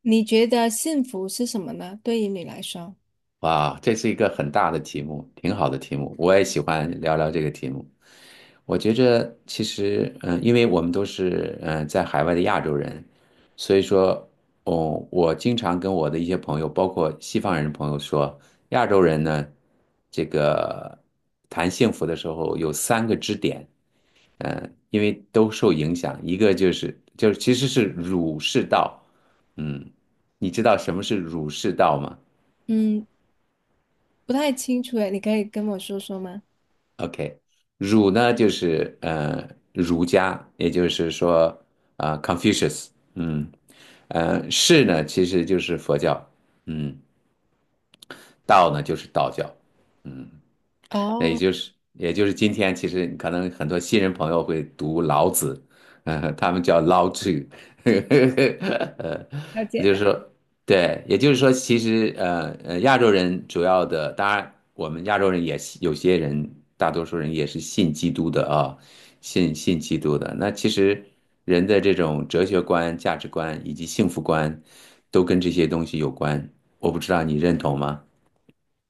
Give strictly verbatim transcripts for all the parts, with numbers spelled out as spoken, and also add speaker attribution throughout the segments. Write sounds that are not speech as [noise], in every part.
Speaker 1: 你觉得幸福是什么呢？对于你来说，
Speaker 2: 哇，这是一个很大的题目，挺好的题目，我也喜欢聊聊这个题目。我觉着其实，嗯，因为我们都是嗯呃在海外的亚洲人，所以说，哦，我经常跟我的一些朋友，包括西方人的朋友说，亚洲人呢，这个谈幸福的时候有三个支点，嗯，呃因为都受影响，一个就是就是其实是儒释道，嗯，你知道什么是儒释道吗？
Speaker 1: 嗯，不太清楚诶，你可以跟我说说吗？
Speaker 2: OK，儒呢就是呃儒家，也就是说啊、呃 Confucius，嗯，呃士呢其实就是佛教，嗯，道呢就是道教，嗯，那也
Speaker 1: 哦，
Speaker 2: 就是也就是今天，其实可能很多新人朋友会读老子，嗯，他们叫老子，[laughs] 呃，
Speaker 1: 了解
Speaker 2: 就是
Speaker 1: 了。
Speaker 2: 说，对，也就是说，其实呃呃，亚洲人主要的，当然我们亚洲人也是有些人，大多数人也是信基督的啊，信信基督的。那其实人的这种哲学观、价值观以及幸福观，都跟这些东西有关。我不知道你认同吗？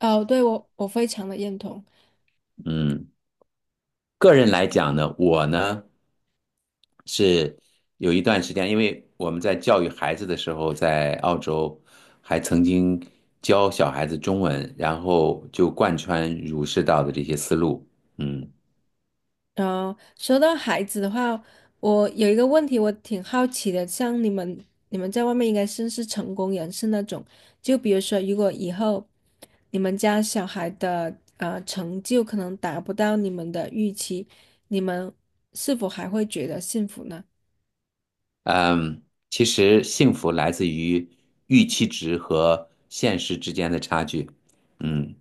Speaker 1: 哦，对，我我非常的认同。
Speaker 2: 嗯，个人来讲呢，我呢。是有一段时间，因为我们在教育孩子的时候，在澳洲还曾经教小孩子中文，然后就贯穿儒释道的这些思路。嗯
Speaker 1: 然说到孩子的话，我有一个问题，我挺好奇的，像你们你们在外面应该算是成功人士那种，就比如说，如果以后你们家小孩的呃成就可能达不到你们的预期，你们是否还会觉得幸福呢？
Speaker 2: 嗯，其实幸福来自于预期值和现实之间的差距。嗯，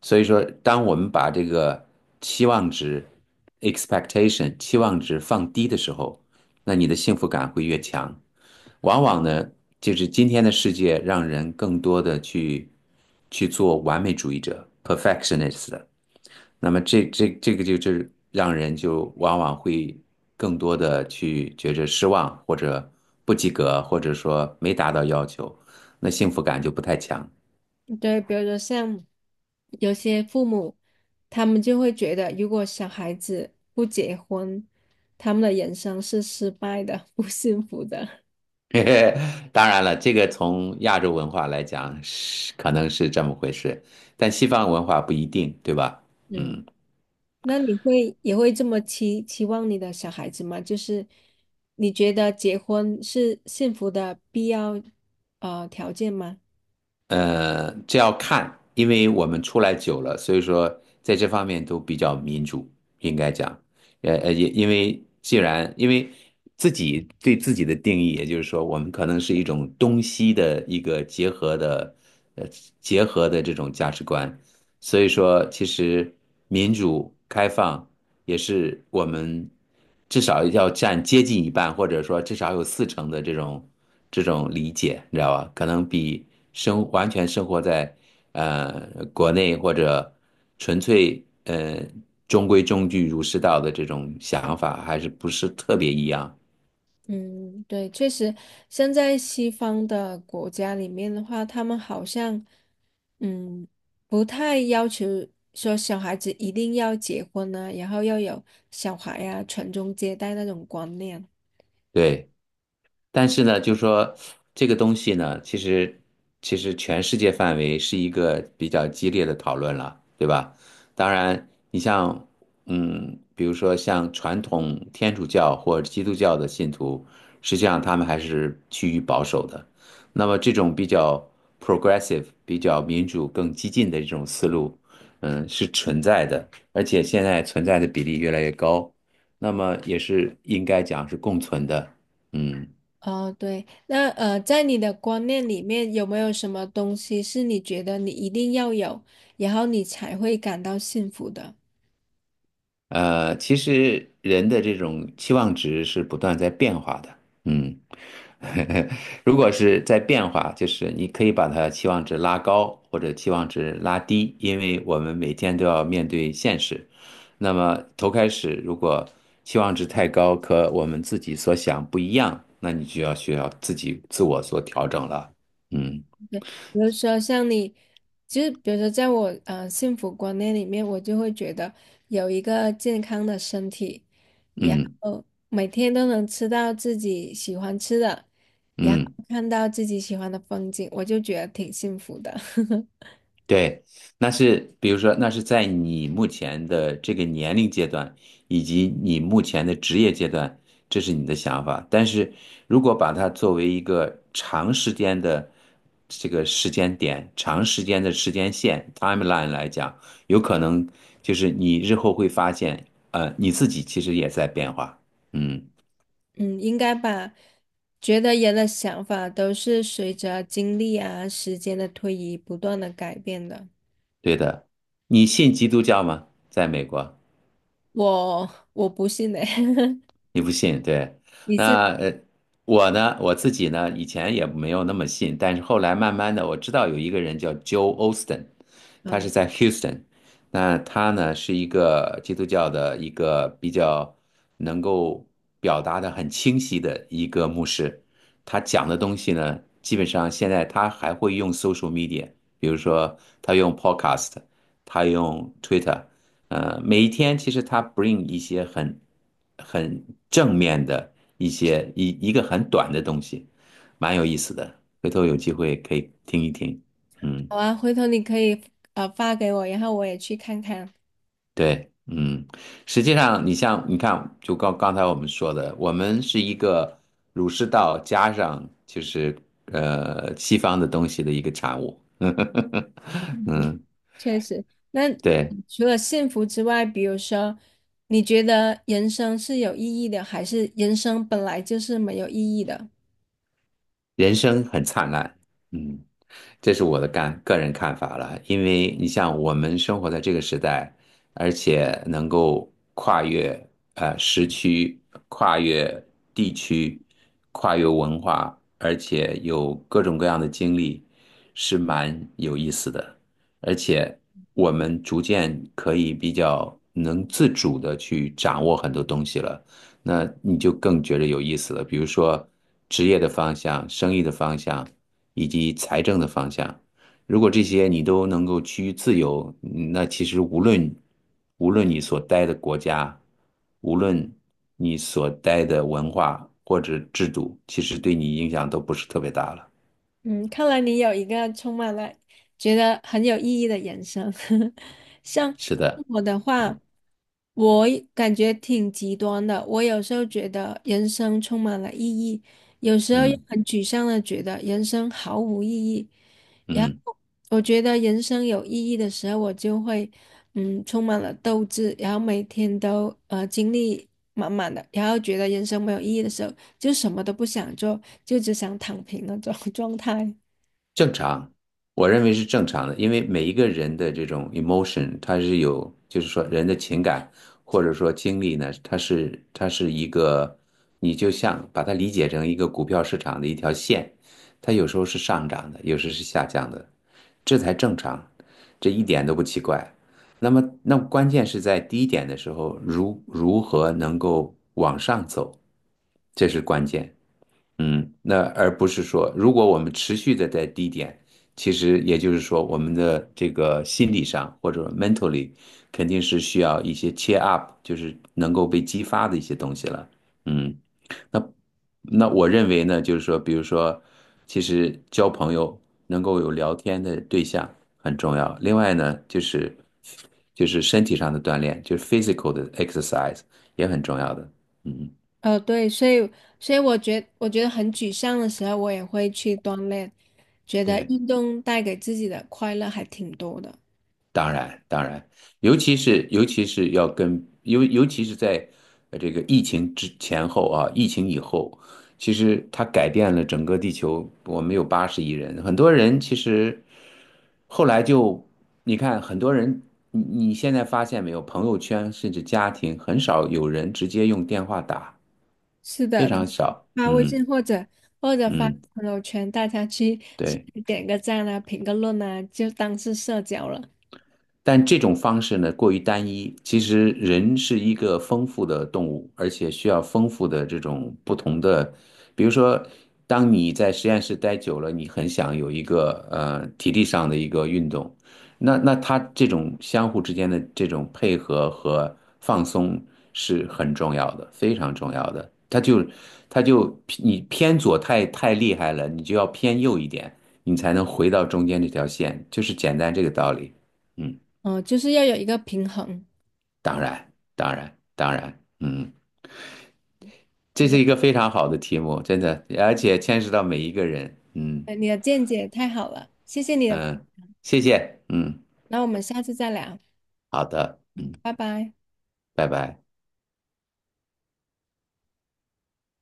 Speaker 2: 所以说，当我们把这个期望值 （expectation） 期望值放低的时候，那你的幸福感会越强。往往呢，就是今天的世界让人更多的去去做完美主义者 （perfectionist） 那么这这这个就是让人就往往会更多的去觉着失望，或者不及格，或者说没达到要求，那幸福感就不太强。
Speaker 1: 对，比如说像有些父母，他们就会觉得，如果小孩子不结婚，他们的人生是失败的，[laughs] 不幸福的。
Speaker 2: [laughs] 当然了，这个从亚洲文化来讲是可能是这么回事，但西方文化不一定，对吧？
Speaker 1: 嗯。
Speaker 2: 嗯。
Speaker 1: [laughs] 那你会也会这么期期望你的小孩子吗？就是你觉得结婚是幸福的必要呃条件吗？
Speaker 2: 呃，这要看，因为我们出来久了，所以说在这方面都比较民主，应该讲，呃呃，也因为既然因为自己对自己的定义，也就是说，我们可能是一种东西的一个结合的，呃，结合的这种价值观，所以说，其实民主开放也是我们至少要占接近一半，或者说至少有四成的这种这种理解，你知道吧？可能比生完全生活在呃国内或者纯粹呃中规中矩儒释道的这种想法还是不是特别一样。
Speaker 1: 嗯，对，确实，现在西方的国家里面的话，他们好像，嗯，不太要求说小孩子一定要结婚呢、然后要有小孩呀、传宗接代那种观念。
Speaker 2: 对。但是呢，就说这个东西呢，其实其实全世界范围是一个比较激烈的讨论了，对吧？当然，你像嗯，比如说像传统天主教或者基督教的信徒，实际上他们还是趋于保守的。那么这种比较 progressive、比较民主、更激进的这种思路，嗯，是存在的，而且现在存在的比例越来越高，那么也是应该讲是共存的，嗯。
Speaker 1: 哦，对，那呃，在你的观念里面，有没有什么东西是你觉得你一定要有，然后你才会感到幸福的？
Speaker 2: 呃，其实人的这种期望值是不断在变化的，嗯，[laughs] 如果是在变化，就是你可以把它期望值拉高或者期望值拉低，因为我们每天都要面对现实。那么头开始，如果期望值太高，和我们自己所想不一样，那你就要需要自己自我做调整了。嗯
Speaker 1: 比如说像你，就是比如说在我呃幸福观念里面，我就会觉得有一个健康的身体，然
Speaker 2: 嗯
Speaker 1: 后每天都能吃到自己喜欢吃的，然后
Speaker 2: 嗯。
Speaker 1: 看到自己喜欢的风景，我就觉得挺幸福的。[laughs]
Speaker 2: 对，那是比如说，那是在你目前的这个年龄阶段，以及你目前的职业阶段，这是你的想法。但是如果把它作为一个长时间的这个时间点、长时间的时间线 （timeline） 来讲，有可能就是你日后会发现，呃，你自己其实也在变化。嗯，
Speaker 1: 嗯，应该吧。觉得人的想法都是随着经历啊、时间的推移不断的改变的。
Speaker 2: 对的。你信基督教吗？在美国？
Speaker 1: 我我不信呢、[laughs]
Speaker 2: 你不信，对？
Speaker 1: 你信？
Speaker 2: 那呃，我呢，我自己呢，以前也没有那么信，但是后来慢慢的，我知道有一个人叫 Joe Osteen，他是
Speaker 1: 嗯。
Speaker 2: 在 Houston，那他呢是一个基督教的一个比较能够表达的很清晰的一个牧师，他讲的东西呢，基本上现在他还会用 social media，比如说他用 podcast，他用 Twitter。呃，每一天其实它 bring 一些很很正面的一些一一个很短的东西，蛮有意思的。回头有机会可以听一听。嗯，
Speaker 1: 好啊，回头你可以呃发给我，然后我也去看看。
Speaker 2: 对，嗯，实际上你像你看，就刚刚才我们说的，我们是一个儒释道加上就是呃西方的东西的一个产物。[laughs]
Speaker 1: 嗯，
Speaker 2: 嗯，
Speaker 1: 确实，那
Speaker 2: 对，
Speaker 1: 除了幸福之外，比如说，你觉得人生是有意义的，还是人生本来就是没有意义的？
Speaker 2: 人生很灿烂。嗯。这是我的干个人看法了，因为你像我们生活在这个时代，而且能够跨越呃时区、跨越地区、跨越文化，而且有各种各样的经历，是蛮有意思的。而且我们逐渐可以比较能自主的去掌握很多东西了，那你就更觉得有意思了。比如说职业的方向、生意的方向。以及财政的方向。如果这些你都能够趋于自由，嗯那其实无论无论你所待的国家，无论你所待的文化或者制度，其实对你影响都不是特别大了。
Speaker 1: 嗯，看来你有一个充满了觉得很有意义的人生。[laughs] 像
Speaker 2: 是的，
Speaker 1: 我的话，
Speaker 2: 嗯
Speaker 1: 我也感觉挺极端的。我有时候觉得人生充满了意义，有时候又
Speaker 2: 嗯
Speaker 1: 很沮丧的觉得人生毫无意义。然
Speaker 2: 嗯。
Speaker 1: 后我觉得人生有意义的时候，我就会嗯充满了斗志，然后每天都呃精力满满的。然后觉得人生没有意义的时候。就什么都不想，做，就只想躺平那种 [laughs] 状态。
Speaker 2: 正常，我认为是正常的，因为每一个人的这种 emotion，它是有，就是说人的情感或者说经历呢，它是它是一个，你就像把它理解成一个股票市场的一条线，它有时候是上涨的，有时是下降的，这才正常，这一点都不奇怪。那么，那关键是在低点的时候，如如何能够往上走，这是关键。嗯，那而不是说，如果我们持续的在低点，其实也就是说，我们的这个心理上或者 mentally 肯定是需要一些 cheer up，就是能够被激发的一些东西了。嗯，那那我认为呢，就是说，比如说，其实交朋友能够有聊天的对象很重要。另外呢，就是就是身体上的锻炼，就是 physical 的 exercise 也很重要的。嗯，
Speaker 1: 呃，对，所以所以我觉我觉得很沮丧的时候，我也会去锻炼，觉得
Speaker 2: 对。
Speaker 1: 运动带给自己的快乐还挺多的。
Speaker 2: 当然，当然，尤其是尤其是要跟尤尤其是在呃这个疫情之前后啊，疫情以后，其实它改变了整个地球。我们有八十亿人，很多人其实后来就你看，很多人你你现在发现没有，朋友圈甚至家庭很少有人直接用电话打，
Speaker 1: 是
Speaker 2: 非
Speaker 1: 的，
Speaker 2: 常少。
Speaker 1: 发微
Speaker 2: 嗯
Speaker 1: 信或者或者发
Speaker 2: 嗯，
Speaker 1: 朋友圈，大家去去
Speaker 2: 对。
Speaker 1: 点个赞啊，评个论啊，就当是社交了。
Speaker 2: 但这种方式呢，过于单一。其实人是一个丰富的动物，而且需要丰富的这种不同的，比如说，当你在实验室待久了，你很想有一个呃体力上的一个运动，那那它这种相互之间的这种配合和放松是很重要的，非常重要的。它就它就你偏左太太厉害了，你就要偏右一点，你才能回到中间这条线，就是简单这个道理。嗯。
Speaker 1: 嗯、就是要有一个平衡。
Speaker 2: 当然，当然，当然，嗯，这是一个非常好的题目，真的，而且牵涉到每一个人，嗯
Speaker 1: 嗯你的见解太好了，谢谢你的分
Speaker 2: 嗯，
Speaker 1: 享
Speaker 2: 谢谢，嗯，
Speaker 1: 那我们下次再聊，
Speaker 2: 好的，
Speaker 1: 拜拜。
Speaker 2: 拜拜。